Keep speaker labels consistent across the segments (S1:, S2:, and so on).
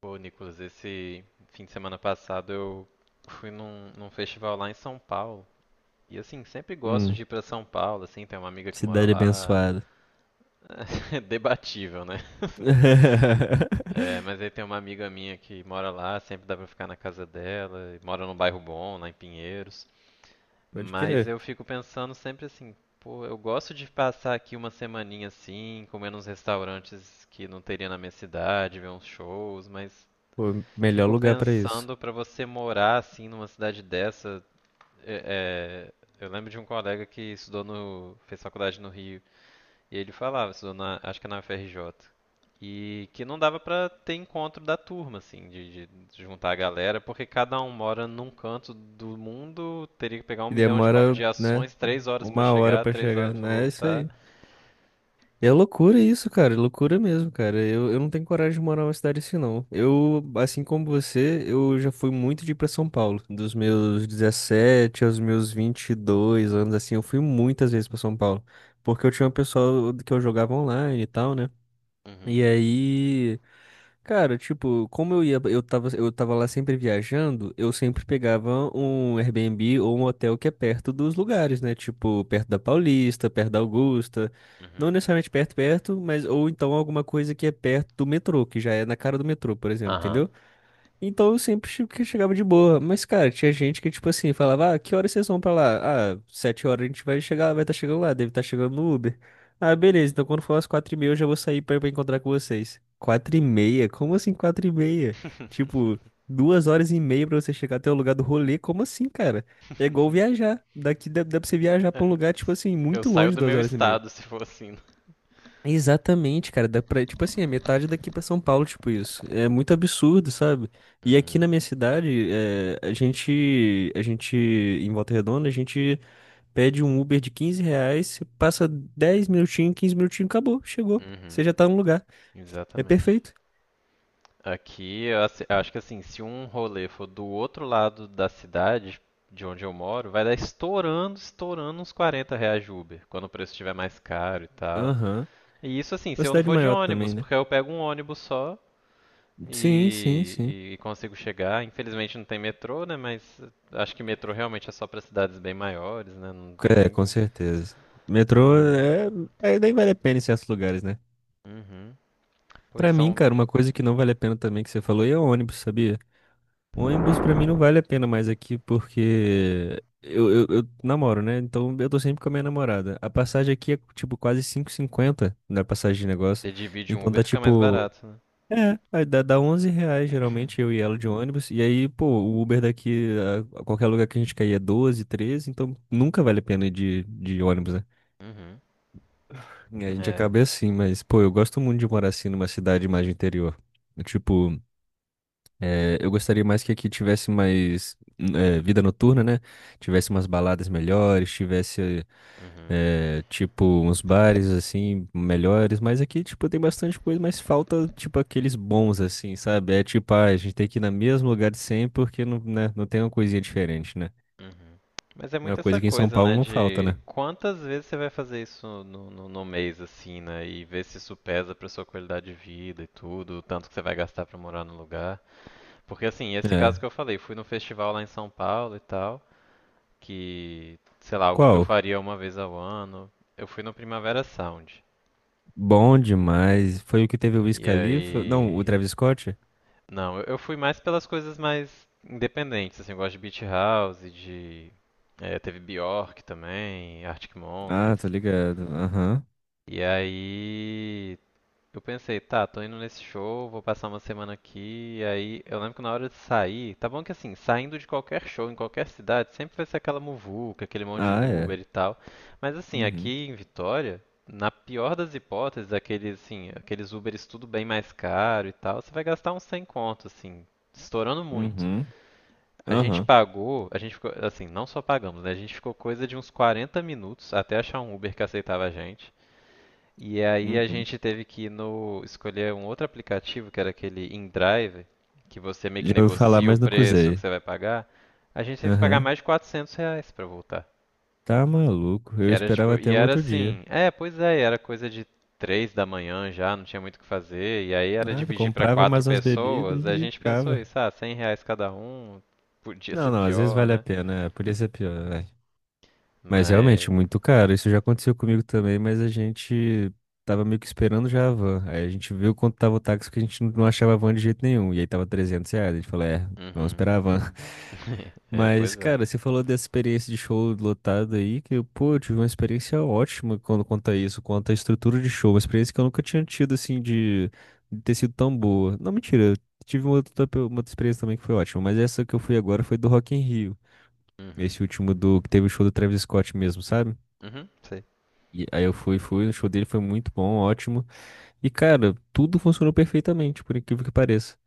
S1: Pô, Nicolas, esse fim de semana passado eu fui num festival lá em São Paulo. E assim, sempre gosto
S2: Hum,
S1: de ir pra São Paulo, assim, tem uma amiga que mora
S2: cidade
S1: lá.
S2: abençoada.
S1: É debatível, né? Assim. É, mas aí tem uma amiga minha que mora lá, sempre dá pra ficar na casa dela, e mora num bairro bom, lá em Pinheiros.
S2: Pode
S1: Mas
S2: crer.
S1: eu fico pensando sempre assim, pô, eu gosto de passar aqui uma semaninha assim, comer nos restaurantes que não teria na minha cidade, ver uns shows, mas
S2: Pô, melhor
S1: fico
S2: lugar pra isso.
S1: pensando pra você morar assim numa cidade dessa. é- É, eu lembro de um colega que estudou no, fez faculdade no Rio e ele falava, estudou na, acho que na UFRJ, e que não dava pra ter encontro da turma assim, de juntar a galera, porque cada um mora num canto do mundo, teria que pegar um
S2: E
S1: milhão de
S2: demora, né,
S1: baldeações, três horas pra
S2: uma hora
S1: chegar,
S2: pra
S1: três
S2: chegar,
S1: horas pra
S2: né? É isso
S1: voltar.
S2: aí. É loucura isso, cara. É loucura mesmo, cara. Eu não tenho coragem de morar numa cidade assim, não. Eu, assim como você, eu já fui muito de ir pra São Paulo. Dos meus 17 aos meus 22 anos, assim, eu fui muitas vezes pra São Paulo. Porque eu tinha um pessoal que eu jogava online e tal, né?
S1: Uhum,
S2: E aí. Cara, tipo, como eu ia, eu tava lá sempre viajando, eu sempre pegava um Airbnb ou um hotel que é perto dos lugares, né? Tipo, perto da Paulista, perto da Augusta. Não
S1: uhum,
S2: necessariamente perto, perto, mas ou então alguma coisa que é perto do metrô, que já é na cara do metrô, por exemplo,
S1: aham.
S2: entendeu? Então eu sempre que chegava de boa. Mas, cara, tinha gente que, tipo assim, falava, ah, que horas vocês vão pra lá? Ah, sete horas a gente vai chegar, vai estar chegando lá, deve estar chegando no Uber. Ah, beleza, então quando for às quatro e meia eu já vou sair pra encontrar com vocês. Quatro e meia? Como assim quatro e meia? Tipo, duas horas e meia pra você chegar até o lugar do rolê? Como assim, cara? É igual viajar. Daqui dá pra você viajar pra um lugar, tipo assim,
S1: Eu
S2: muito
S1: saio
S2: longe,
S1: do
S2: duas
S1: meu
S2: horas e meia.
S1: estado se for assim.
S2: Exatamente, cara. Dá pra, tipo assim, é metade daqui pra São Paulo, tipo isso. É muito absurdo, sabe? E aqui na
S1: Uhum.
S2: minha cidade, é, em Volta Redonda, a gente pede um Uber de R$ 15, você passa 10 minutinhos, 15 minutinhos, acabou, chegou. Você
S1: Uhum,
S2: já tá no lugar. É
S1: exatamente.
S2: perfeito.
S1: Aqui, acho que assim, se um rolê for do outro lado da cidade, de onde eu moro, vai dar estourando, estourando uns R$ 40 de Uber, quando o preço estiver mais caro e tal.
S2: Aham.
S1: E isso assim,
S2: Uma
S1: se eu não
S2: cidade
S1: for de
S2: maior também,
S1: ônibus,
S2: né?
S1: porque eu pego um ônibus só
S2: Sim, sim, sim.
S1: e consigo chegar. Infelizmente não tem metrô, né? Mas acho que metrô realmente é só para cidades bem maiores, né? Não tem
S2: É, com
S1: nem.
S2: certeza. Metrô
S1: Mas.
S2: nem vale a pena em certos lugares, né?
S1: Uhum. Pois
S2: Pra mim,
S1: são.
S2: cara, uma coisa que não vale a pena também que você falou aí é o ônibus, sabia? Ônibus pra mim não vale a pena mais aqui porque eu namoro, né? Então eu tô sempre com a minha namorada. A passagem aqui é tipo quase 5,50 na passagem de negócio.
S1: Você divide um
S2: Então
S1: Uber,
S2: dá
S1: fica mais
S2: tipo.
S1: barato, né?
S2: É, aí dá R$ 11 geralmente eu e ela de ônibus. E aí, pô, o Uber daqui a qualquer lugar que a gente cair é 12, 13. Então nunca vale a pena ir de ônibus, né?
S1: Uhum.
S2: E a gente
S1: É.
S2: acaba assim, mas pô, eu gosto muito de morar assim numa cidade mais de interior. Tipo. É, eu gostaria mais que aqui tivesse mais vida noturna, né? Tivesse umas baladas melhores, tivesse,
S1: Uhum.
S2: tipo, uns bares, assim, melhores. Mas aqui, tipo, tem bastante coisa, mas falta, tipo, aqueles bons, assim, sabe? É tipo, ah, a gente tem que ir no mesmo lugar de sempre porque não, né, não tem uma coisinha diferente, né?
S1: Uhum. Mas é
S2: É uma
S1: muito essa
S2: coisa que em São
S1: coisa,
S2: Paulo
S1: né,
S2: não falta,
S1: de
S2: né?
S1: quantas vezes você vai fazer isso no mês, assim, né, e ver se isso pesa pra sua qualidade de vida e tudo, o tanto que você vai gastar pra morar no lugar. Porque, assim, esse caso
S2: É.
S1: que eu falei, fui no festival lá em São Paulo e tal, que, sei lá, algo que eu
S2: Qual?
S1: faria uma vez ao ano, eu fui no Primavera Sound.
S2: Bom demais. Foi o que teve o Wiz
S1: E
S2: Khalifa? Não, o
S1: aí,
S2: Travis Scott?
S1: não, eu fui mais pelas coisas mais independentes, assim, eu gosto de Beach House, de... teve Bjork também, Arctic
S2: Ah,
S1: Monkeys.
S2: tô ligado. Aham.
S1: E aí eu pensei, tá, tô indo nesse show, vou passar uma semana aqui, e aí eu lembro que na hora de sair, tá bom que assim, saindo de qualquer show em qualquer cidade, sempre vai ser aquela muvuca, aquele monte de
S2: Ah, é.
S1: Uber e tal. Mas assim,
S2: Uhum.
S1: aqui em Vitória, na pior das hipóteses, aqueles assim, aqueles Uberes tudo bem mais caro e tal, você vai gastar uns 100 conto, assim, estourando muito.
S2: Uhum.
S1: A gente
S2: Aham.
S1: pagou, a gente ficou, assim, não só pagamos, né? A gente ficou coisa de uns 40 minutos até achar um Uber que aceitava a gente. E aí a
S2: Uhum.
S1: gente teve que ir no escolher um outro aplicativo, que era aquele InDrive, que você meio que
S2: Já ouvi falar,
S1: negocia o
S2: mas não
S1: preço que
S2: usei.
S1: você vai pagar. A gente teve que pagar
S2: Aham.
S1: mais de R$ 400 pra voltar.
S2: Tá maluco. Eu
S1: Era
S2: esperava
S1: tipo,
S2: até
S1: e
S2: o
S1: era
S2: outro dia.
S1: assim, é, pois é, e era coisa de três da manhã já, não tinha muito o que fazer, e aí era
S2: Nada,
S1: dividir pra
S2: comprava
S1: quatro
S2: mais umas bebidas
S1: pessoas, a
S2: e
S1: gente pensou
S2: ficava.
S1: isso, ah, R$ 100 cada um, podia
S2: Não,
S1: ser
S2: não, às vezes
S1: pior,
S2: vale a
S1: né?
S2: pena. Podia ser pior, vai. Mas realmente,
S1: Mas,
S2: muito caro. Isso já aconteceu comigo também, mas a gente tava meio que esperando já a van. Aí a gente viu quanto tava o táxi, que a gente não achava a van de jeito nenhum. E aí tava R$ 300. A gente falou, é, vamos
S1: uhum.
S2: esperar a van.
S1: É,
S2: Mas,
S1: pois é.
S2: cara, você falou dessa experiência de show lotado aí, que, pô, eu tive uma experiência ótima quando conta isso, quanto à estrutura de show, uma experiência que eu nunca tinha tido, assim, de, ter sido tão boa. Não, mentira, eu tive uma outra experiência também que foi ótima, mas essa que eu fui agora foi do Rock in Rio,
S1: Uhum.
S2: esse último do, que teve o show do Travis Scott mesmo, sabe?
S1: Uhum, sei.
S2: E aí eu fui, o show dele foi muito bom, ótimo. E, cara, tudo funcionou perfeitamente, por incrível que pareça.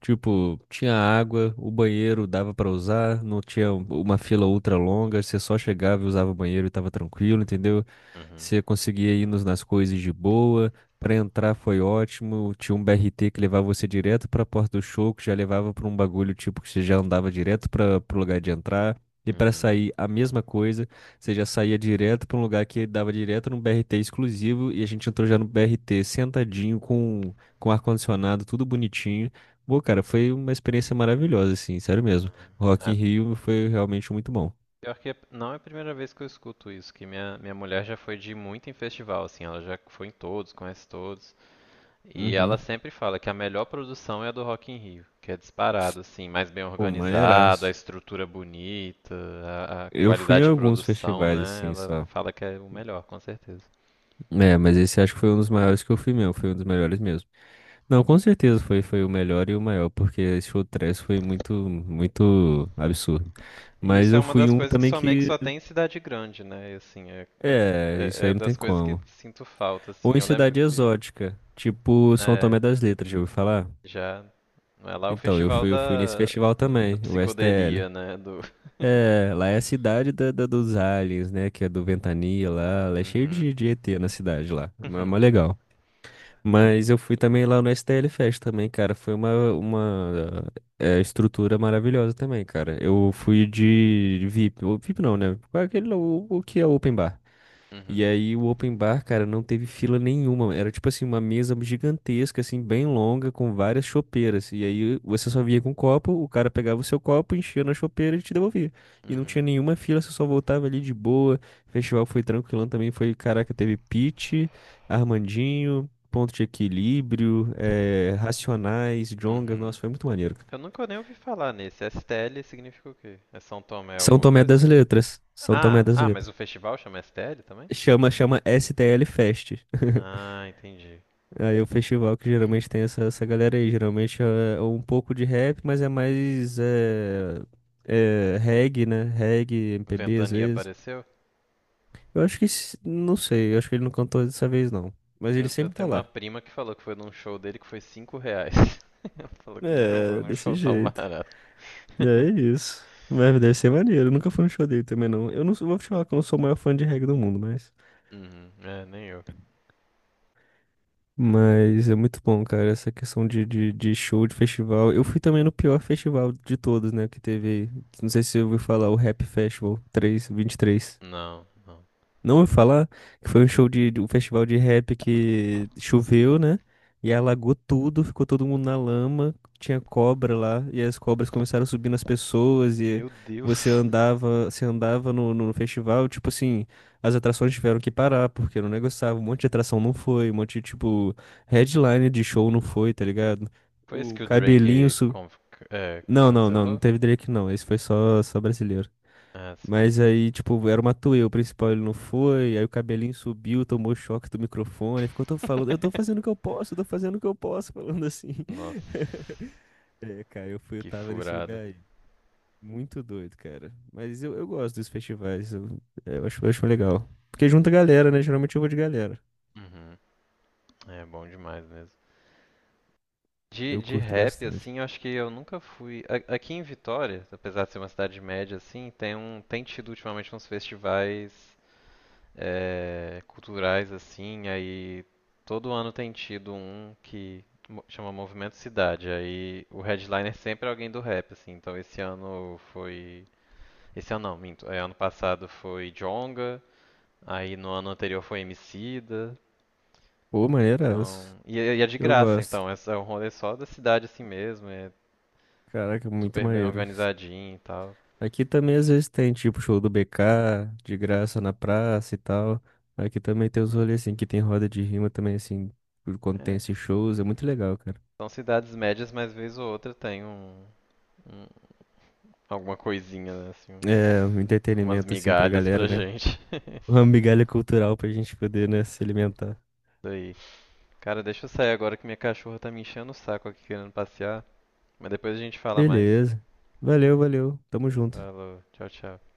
S2: Tipo, tinha água, o banheiro dava pra usar, não tinha uma fila ultra longa, você só chegava e usava o banheiro e tava tranquilo, entendeu?
S1: Uhum.
S2: Você conseguia ir nas coisas de boa, pra entrar foi ótimo, tinha um BRT que levava você direto pra porta do show, que já levava pra um bagulho tipo que você já andava direto para pro lugar de entrar. E pra
S1: Uhum.
S2: sair, a mesma coisa. Você já saía direto para um lugar que dava direto num BRT exclusivo e a gente entrou já no BRT sentadinho com ar-condicionado, tudo bonitinho. Pô, cara, foi uma experiência maravilhosa, assim, sério mesmo. Rock in
S1: Ah,
S2: Rio foi realmente muito bom.
S1: pior que não é a primeira vez que eu escuto isso, que minha mulher já foi de muito em festival, assim, ela já foi em todos, conhece todos, e ela
S2: Uhum.
S1: sempre fala que a melhor produção é a do Rock in Rio, que é disparado, assim, mais bem
S2: Pô,
S1: organizado, a
S2: maneiraço.
S1: estrutura bonita, a
S2: Eu fui em
S1: qualidade de
S2: alguns
S1: produção,
S2: festivais,
S1: né?
S2: assim,
S1: Ela
S2: só.
S1: fala que é o melhor, com certeza.
S2: É, mas esse acho que foi um dos maiores que eu fui mesmo, foi um dos melhores mesmo. Não, com
S1: E,
S2: certeza foi, foi o melhor e o maior, porque esse show trash foi muito, muito absurdo.
S1: e
S2: Mas
S1: isso é
S2: eu
S1: uma
S2: fui em
S1: das
S2: um
S1: coisas que
S2: também
S1: só meio que
S2: que
S1: só tem em cidade grande, né? E, assim,
S2: É, isso
S1: é
S2: aí não tem
S1: das coisas que
S2: como.
S1: sinto falta,
S2: Ou
S1: assim.
S2: em
S1: Eu lembro
S2: cidade
S1: que
S2: exótica, tipo São
S1: é,
S2: Tomé das Letras, já ouviu falar?
S1: já é lá o
S2: Então, eu
S1: festival
S2: fui, eu fui nesse
S1: da
S2: festival também, o STL.
S1: psicodelia, né? Do...
S2: É, lá é a cidade da, dos aliens, né? Que é do Ventania lá. Lá é cheio
S1: Uhum.
S2: de ET na cidade lá. É mó legal. Mas eu fui também lá no STL Fest também, cara. Foi uma estrutura maravilhosa também, cara. Eu fui de VIP. O VIP não, né? Qual é aquele, o que é open bar? E
S1: Uhum.
S2: aí o open bar, cara, não teve fila nenhuma. Era tipo assim, uma mesa gigantesca, assim, bem longa, com várias chopeiras. E aí você só via com um copo, o cara pegava o seu copo, enchia na chopeira e te devolvia. E não tinha
S1: Uhum.
S2: nenhuma fila, você só voltava ali de boa. O festival foi tranquilão também, foi, caraca, teve Pitty, Armandinho, Ponto de Equilíbrio, Racionais, Djonga.
S1: Uhum.
S2: Nossa, foi muito maneiro, cara.
S1: Eu nunca nem ouvi falar nesse. STL significa o quê? É São Tomé
S2: São
S1: alguma
S2: Tomé
S1: coisa?
S2: das Letras. São Tomé das
S1: Ah, mas
S2: Letras.
S1: o festival chama STL também?
S2: Chama, chama STL Fest.
S1: Ah, entendi.
S2: Aí o festival que geralmente tem essa galera aí, geralmente é um pouco de rap, mas é mais reggae, né? Reggae, MPB às
S1: Ventania
S2: vezes.
S1: apareceu?
S2: Eu acho que, não sei, eu acho que ele não cantou dessa vez não, mas ele
S1: Eu
S2: sempre tá
S1: tenho uma
S2: lá.
S1: prima que falou que foi num show dele que foi R$ 5. Ela falou que nunca foi
S2: É,
S1: num
S2: desse
S1: show tão
S2: jeito.
S1: barato.
S2: É isso. Mas deve ser maneiro, eu nunca fui no show dele também não. Eu não sou- vou te falar que eu não sou o maior fã de reggae do mundo, mas...
S1: Uhum. É, nem eu.
S2: Mas é muito bom, cara, essa questão de show, de festival. Eu fui também no pior festival de todos, né, que teve aí. Não sei se você ouviu falar, o Rap Festival 3, três
S1: Não, não.
S2: não vou falar que foi um show de um festival de rap que choveu, né? E alagou tudo, ficou todo mundo na lama, tinha cobra lá, e as cobras começaram a subir nas pessoas, e
S1: Meu
S2: você
S1: Deus.
S2: andava, você andava no festival, tipo assim, as atrações tiveram que parar, porque não negociava, um monte de atração não foi, um monte de, tipo, headline de show não foi, tá ligado?
S1: Foi esse
S2: O
S1: que o
S2: cabelinho sub...
S1: É,
S2: Não, não, não, não
S1: cancelou?
S2: teve Drake não, esse foi só brasileiro.
S1: Ah, sim.
S2: Mas aí, tipo, era uma Matuê, o principal ele não foi, aí o cabelinho subiu, tomou choque do microfone, ficou todo falando, eu tô fazendo o que eu posso, eu tô fazendo o que eu posso, falando assim.
S1: Nossa,
S2: É, cara, eu fui, eu
S1: que
S2: tava nesse
S1: furada.
S2: lugar aí. Muito doido, cara. Mas eu gosto dos festivais, eu acho legal. Porque junta galera, né? Geralmente eu vou de galera.
S1: Uhum. É bom demais mesmo.
S2: Eu
S1: De
S2: curto
S1: rap,
S2: bastante.
S1: assim, eu acho que eu nunca fui. Aqui em Vitória, apesar de ser uma cidade média, assim, tem um. Tem tido ultimamente uns festivais é, culturais, assim, aí todo ano tem tido um que chama Movimento Cidade. Aí o headliner sempre é alguém do rap, assim. Então esse ano foi. Esse ano não, minto. Ano passado foi Djonga, aí no ano anterior foi Emicida.
S2: Pô, maneiraço.
S1: Então, é e é de
S2: Eu
S1: graça,
S2: gosto.
S1: então. É um rolê só da cidade assim mesmo, é
S2: Caraca, muito
S1: super bem
S2: maneiro.
S1: organizadinho e tal.
S2: Aqui também às vezes tem, tipo, show do BK, de graça na praça e tal. Aqui também tem os rolês, assim, que tem roda de rima também, assim, por quando tem
S1: É,
S2: esses shows, é muito legal, cara.
S1: são cidades médias, mas vez ou outra tem um- alguma coisinha, né, assim, um-
S2: É, um
S1: umas
S2: entretenimento, assim, pra
S1: migalhas pra
S2: galera, né?
S1: gente.
S2: Uma migalha cultural pra gente poder, né, se alimentar.
S1: Isso aí. Cara, deixa eu sair agora que minha cachorra tá me enchendo o saco aqui querendo passear, mas depois a gente fala mais.
S2: Beleza. Valeu, valeu. Tamo junto.
S1: Falou, tchau, tchau.